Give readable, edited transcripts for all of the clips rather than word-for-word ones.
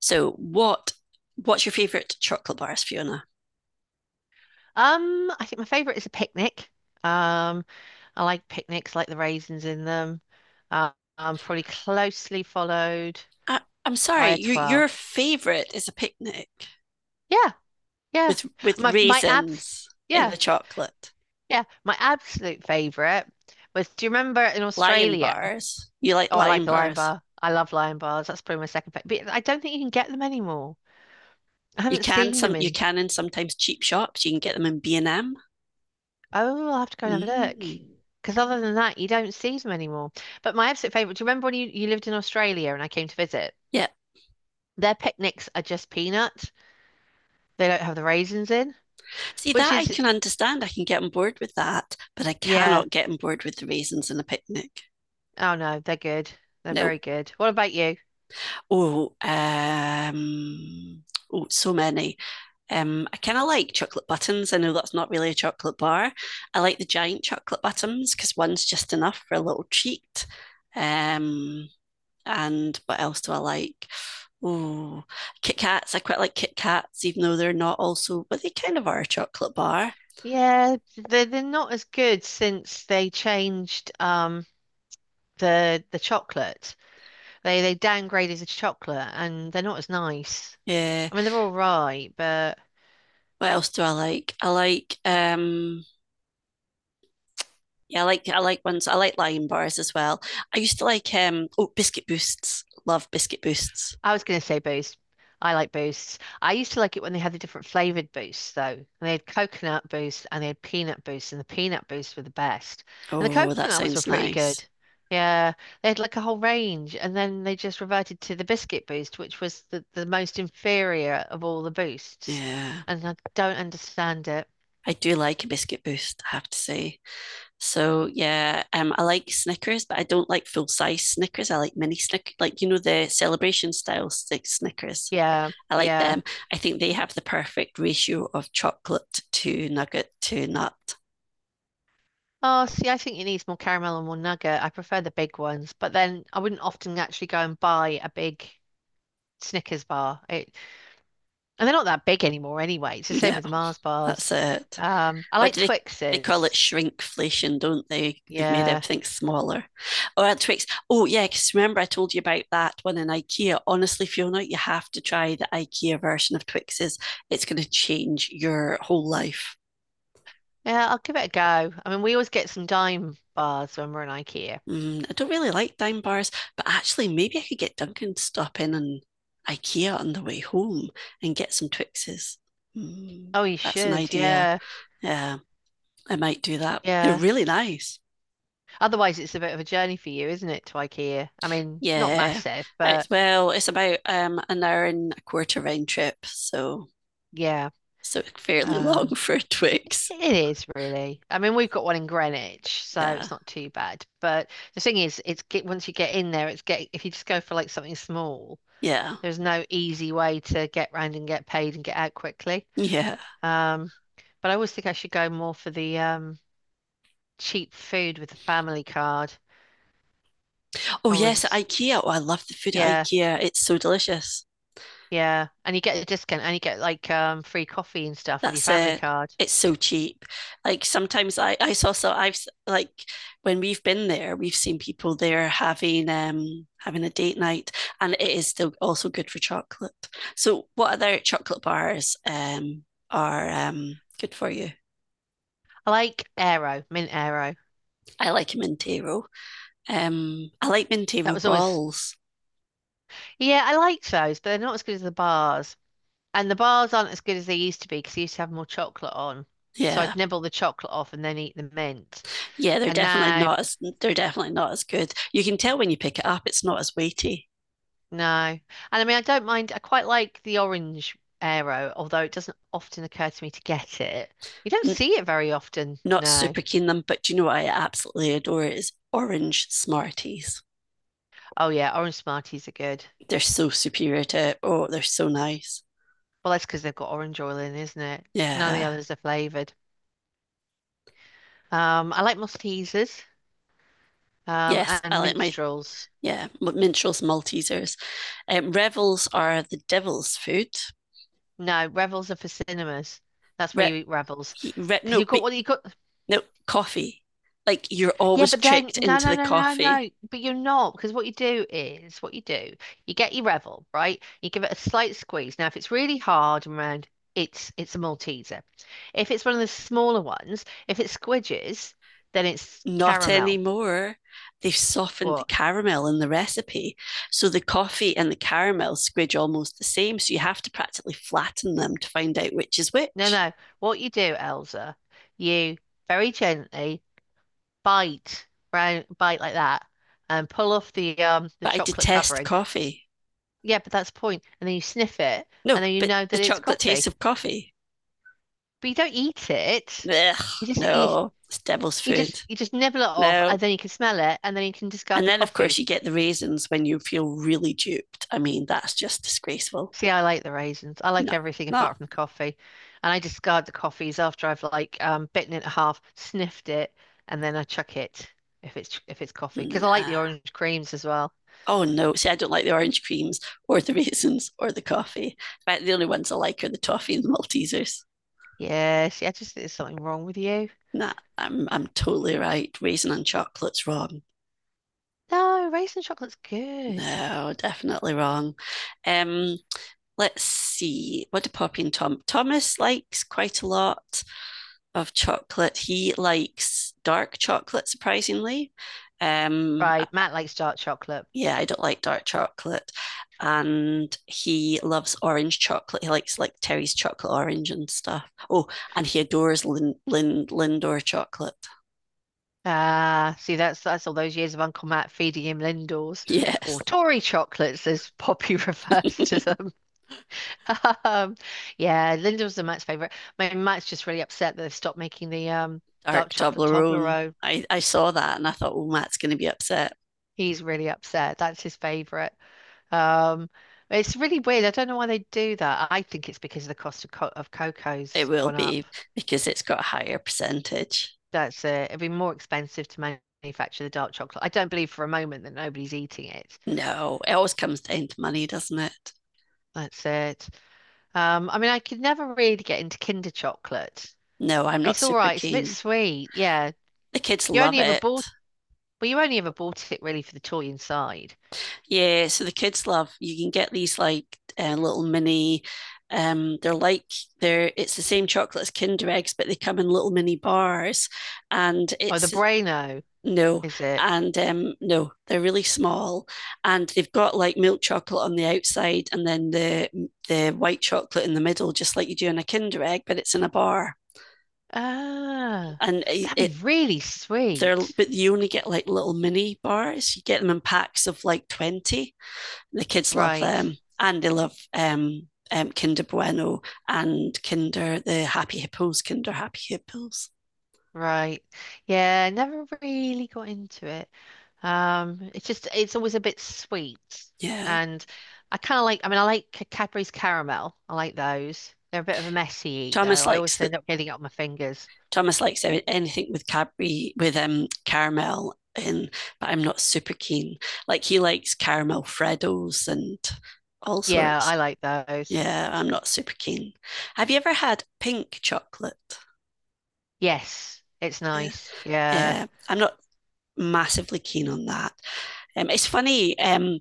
So what's your favorite chocolate bars, Fiona? I think my favorite is a picnic. Um, I like picnics, like the raisins in them. Uh, Probably closely followed I'm sorry, by a you, twirl. your favorite is a picnic Yeah, yeah. with My abs. raisins in Yeah, the chocolate. yeah. My absolute favorite was. Do you remember in Lion Australia? bars. You like Oh, I lion like a lion bars. bar. I love lion bars. That's probably my second favorite. But I don't think you can get them anymore. I You haven't can seen them some you in. can in Sometimes cheap shops, you can get them in B and M. Oh, I'll have to go and have a look. Mm. Because other than that, you don't see them anymore. But my absolute favorite. Do you remember when you lived in Australia and I came to visit? Yeah. Their picnics are just peanut. They don't have the raisins in, See, which that I is, can understand. I can get on board with that, but I yeah. cannot get on board with the raisins in a picnic. Oh no, they're good. They're No. very good. What about you? Oh, um, oh, so many. I kind of like chocolate buttons. I know that's not really a chocolate bar. I like the giant chocolate buttons because one's just enough for a little treat. Um, and what else do I like? Oh, Kit Kats. I quite like Kit Kats, even though they're not also, but they kind of are a chocolate bar. Yeah, they're not as good since they changed the chocolate. They downgraded the chocolate and they're not as nice. Yeah. I mean, they're all right, but What else do I like? I like yeah, I like ones I like lion bars as well. I used to like oh, biscuit boosts. Love biscuit boosts. I was going to say boost. I like boosts. I used to like it when they had the different flavored boosts, though. And they had coconut boost and they had peanut boost, and the peanut boosts were the best. And the Oh, that coconut ones were sounds pretty nice. good. Yeah, they had like a whole range, and then they just reverted to the biscuit boost, which was the most inferior of all the boosts. Yeah. And I don't understand it. I do like a biscuit boost, I have to say. So yeah, I like Snickers, but I don't like full size Snickers. I like mini Snickers, like, you know, the celebration style stick Snickers. Yeah, I like yeah. them. I think they have the perfect ratio of chocolate to nugget to nut. Oh, see, I think it needs more caramel and more nugget. I prefer the big ones, but then I wouldn't often actually go and buy a big Snickers bar. It And they're not that big anymore anyway. It's the same Yeah, with the Mars bars. that's it. I what like do they they call it? Twixes. Shrinkflation, don't they? They've made Yeah. everything smaller. Or Twix. Oh yeah, because remember I told you about that one in IKEA. Honestly, Fiona, you have to try the IKEA version of Twixes. It's going to change your whole life. Yeah, I'll give it a go. I mean, we always get some dime bars when we're in IKEA. Mm, I don't really like dime bars, but actually maybe I could get Duncan to stop in and IKEA on the way home and get some Twixes. Mm, Oh, you that's an should. idea. Yeah. Yeah, I might do that. They're Yeah. really nice. Otherwise, it's a bit of a journey for you, isn't it, to IKEA? I mean, not Yeah. massive, but it's Well, it's about an hour and a quarter round trip, so yeah. Fairly long Um, for Twix. it is really. I mean, we've got one in Greenwich, so Yeah. it's not too bad. But the thing is, it's get once you get in there, it's get if you just go for like something small. Yeah. There's no easy way to get round and get paid and get out quickly. Yeah. Um, but I always think I should go more for the cheap food with the family card. Oh I yes, at was, IKEA. Oh, I love the food at yeah, IKEA. It's so delicious. yeah. And you get a discount and you get like free coffee and stuff with your That's family it. card. It's so cheap. Like sometimes I saw so I've s- like when we've been there, we've seen people there having having a date night, and it is still also good for chocolate. So what other chocolate bars are good for you? I like Aero, Mint Aero. I like Mintero. I like That Mintero was always, balls. yeah, I liked those, but they're not as good as the bars. And the bars aren't as good as they used to be because they used to have more chocolate on. So Yeah, I'd nibble the chocolate off and then eat the mint. yeah, they're And definitely now not as they're definitely not as good. You can tell when you pick it up; it's not as weighty. No. And I mean, I don't mind. I quite like the orange aero, although it doesn't often occur to me to get it. You don't N- see it very often. Not No. super keen them, but do you know what I absolutely adore is orange Smarties. Oh, yeah. Orange Smarties are good. They're so superior to Oh, they're so nice. Well, that's because they've got orange oil in, isn't it? None of the Yeah, others are flavored. I like Maltesers, yes, I and like Minstrels. Minstrels, Maltesers. Revels are the devil's food. No, Revels are for cinemas. That's where Re- you eat Revels. he- re- Because no, you've got but what you've got. No, coffee. Like you're Yeah, always but then tricked no, into no, the no, no, no. coffee. But you're not because what you do is what you do. You get your Revel, right? You give it a slight squeeze. Now, if it's really hard and round, it's a Malteser. If it's one of the smaller ones, if it squidges, then it's Not caramel. anymore. They've softened the What? caramel in the recipe. So the coffee and the caramel squidge almost the same. So you have to practically flatten them to find out which is No, which. no. What you do, Elsa, you very gently bite round, bite like that, and pull off the But I chocolate detest covering. coffee. Yeah, but that's the point. And then you sniff it, No, and then you but know the that it's chocolate taste coffee. of coffee. But you don't eat it. Ugh, You just you, no, it's devil's you just food. you just nibble it off, and No. then you can smell it, and then you can discard And the then, of course, you coffees. get the raisins when you feel really duped. I mean, that's just disgraceful. See, I like the raisins. I No, like everything no, apart from the coffee, and I discard the coffees after I've like bitten it in half, sniffed it, and then I chuck it if it's coffee because I like the nah. orange creams as well. Oh, no. See, I don't like the orange creams or the raisins or the coffee. In fact, the only ones I like are the toffee and the Maltesers. Yeah, see, I just think there's something wrong with you. Nah, I'm totally right. Raisin and chocolate's wrong. No, raisin chocolate's good. No, definitely wrong. Um, let's see. What do Poppy and Tom? Thomas likes quite a lot of chocolate. He likes dark chocolate, surprisingly. Um, Right, Matt likes dark chocolate. yeah, I don't like dark chocolate. And he loves orange chocolate. He likes like Terry's chocolate orange and stuff. Oh, and he adores Lindor chocolate. Ah, see, that's all those years of Uncle Matt feeding him Lindors or Yes. Tory chocolates, as Poppy refers to them. Um, yeah, Lindors are Matt's favorite. My Matt's just really upset that they've stopped making the dark Dark chocolate Toblerone. Toblerone. I saw that and I thought, oh, Matt's going to be upset. He's really upset. That's his favorite. Um, it's really weird. I don't know why they do that. I think it's because the cost of co of It cocoa's will gone up. be because it's got a higher percentage. That's it. It'd be more expensive to manufacture the dark chocolate. I don't believe for a moment that nobody's eating it. No, it always comes down to money, doesn't it? That's it. I mean, I could never really get into Kinder chocolate. No, I'm not It's all super right. It's a bit keen. sweet. Yeah. The kids You love only ever it. bought, Well, you only ever bought it really for the toy inside. Yeah, so the kids love you can get these like little mini they're like they're it's the same chocolate as Kinder eggs, but they come in little mini bars, and Oh, the it's Braino, no. is it? And no, they're really small, and they've got like milk chocolate on the outside and then the white chocolate in the middle, just like you do in a Kinder egg, but it's in a bar. Ah, And it, that'd be it really they're, sweet. but you only get like little mini bars; you get them in packs of like 20. The kids love Right. them, and they love Kinder Bueno and Kinder the Happy Hippos. Kinder Happy Hippos. Right. Yeah. Never really got into it. It's just, it's always a bit sweet. Yeah, And I kind of like, I mean, I like Cadbury's caramel. I like those. They're a bit of a messy eat, though. Thomas I likes always that. end up getting it on my fingers. Thomas likes anything with Cadbury with caramel in, but I'm not super keen. Like he likes caramel Freddos and all Yeah, sorts. I like those. Yeah, I'm not super keen. Have you ever had pink chocolate? Yes, it's Yeah, nice. Yeah, yeah, I'm not massively keen on that. It's funny.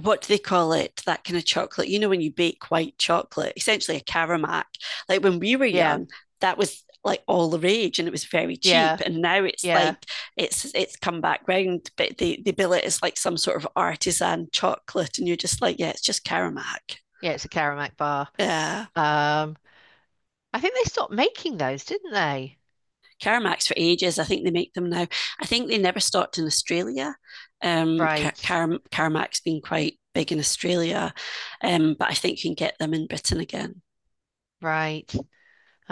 What do they call it? That kind of chocolate. You know, when you bake white chocolate, essentially a caramac. Like when we were yeah, young, that was like all the rage and it was very yeah, cheap. And now it's yeah, like it's come back round, but they bill it as like some sort of artisan chocolate. And you're just like, yeah, it's just caramac. yeah. It's a Karamak bar. Yeah. Um, I think they stopped making those, didn't they? Caramacs for ages. I think they make them now. I think they never stopped in Australia. Right, Caramac's been quite big in Australia, but I think you can get them in Britain again. right. Oh,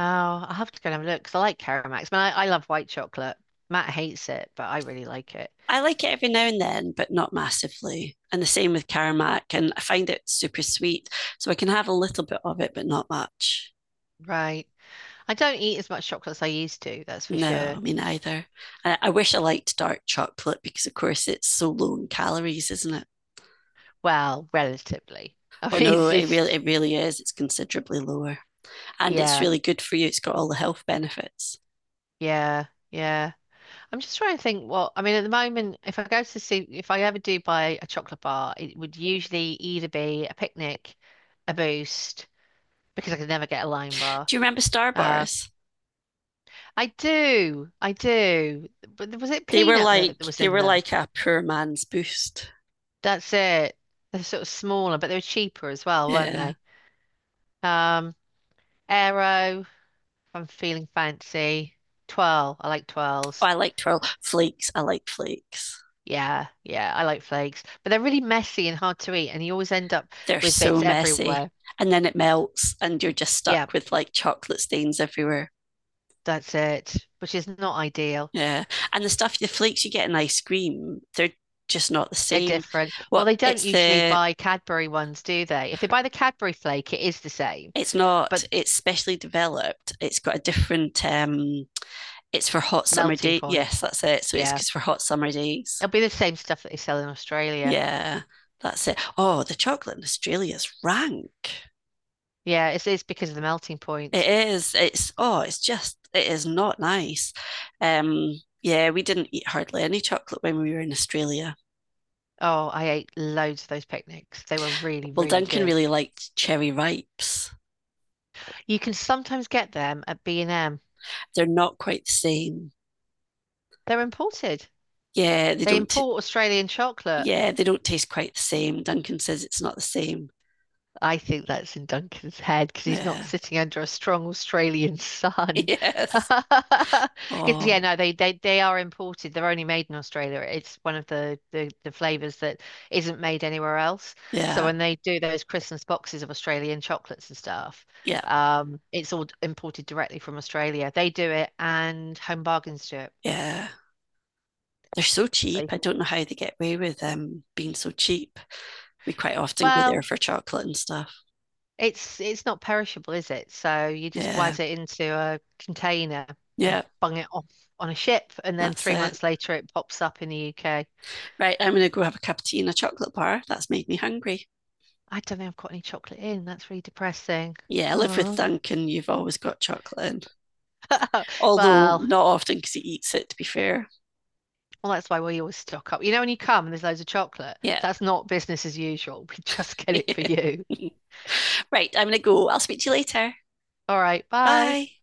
I'll have to go and have a look because I like Karamaks. Man, I love white chocolate. Matt hates it, but I really like it. I like it every now and then, but not massively. And the same with caramac. And I find it super sweet. So I can have a little bit of it, but not much. Right. I don't eat as much chocolate as I used to, that's for sure. No, me neither. I wish I liked dark chocolate because, of course, it's so low in calories, isn't it? Well, relatively. I Oh mean, no, it's just, it really is. It's considerably lower, and it's yeah, really good for you. It's got all the health benefits. yeah, yeah. I'm just trying to think what I mean at the moment, if I go to see if I ever do buy a chocolate bar, it would usually either be a picnic, a boost, because I could never get a lime bar. Do you remember Star Um, Bars? I do, I do. But was it They were peanut that like was in them? A poor man's boost. That's it. They're sort of smaller, but they were cheaper as well, weren't Yeah. they? Um, Aero, if I'm feeling fancy. Twirl, I like Oh, twirls. I like twirl flakes. I like flakes. Yeah, yeah, I like flakes. But they're really messy and hard to eat, and you always end up They're with bits so messy. everywhere. And then it melts and you're just Yeah, stuck with like chocolate stains everywhere. that's it, which is not ideal. Yeah. And the stuff, the flakes you get in ice cream, they're just not the They're same. different. Well, What they don't it's usually the buy Cadbury ones, do they? If they buy the Cadbury flake, it is the same, It's not, but it's specially developed, it's got a different it's for hot summer melting day. point. Yes, that's it, so it's Yeah. because for hot summer days, It'll be the same stuff that they sell in Australia. yeah, that's it. Oh, the chocolate in Australia is rank. Yeah, it's because of the melting It point. is. It's oh, it's just, it is not nice. Um, yeah, we didn't eat hardly any chocolate when we were in Australia. Oh, I ate loads of those picnics. They were really, Well, really Duncan good. really liked cherry ripes. You can sometimes get them at B&M. They're not quite the same. They're imported. Yeah, they They don't. T- import Australian chocolate. Yeah, they don't taste quite the same. Duncan says it's not the same. I think that's in Duncan's head because he's not Yeah. sitting under a strong Australian sun. Yes. Because yeah, Oh, no, they are imported. They're only made in Australia. It's one of the flavors that isn't made anywhere else. So yeah. when they do those Christmas boxes of Australian chocolates and stuff, Yeah. It's all imported directly from Australia. They do it, and Home Bargains do it. Yeah. They're so So cheap. you I can, don't know how they get away with being so cheap. We quite often go there well, for chocolate and stuff. it's not perishable, is it? So you just Yeah. waz it into a container Yeah. bung it off on a ship, and then That's three it. months later it pops up in the UK. Right, I'm going to go have a cup of tea and a chocolate bar. That's made me hungry. I don't think I've got any chocolate in. That's really depressing. Yeah, I live with Oh, Duncan. You've always got chocolate in, although well, well, not often because he eats it, to be fair. that's why we always stock up. You know, when you come and there's loads of chocolate, Yeah. that's not business as usual. We just get it for you. Right, I'm going to go. I'll speak to you later. All right, bye. Bye.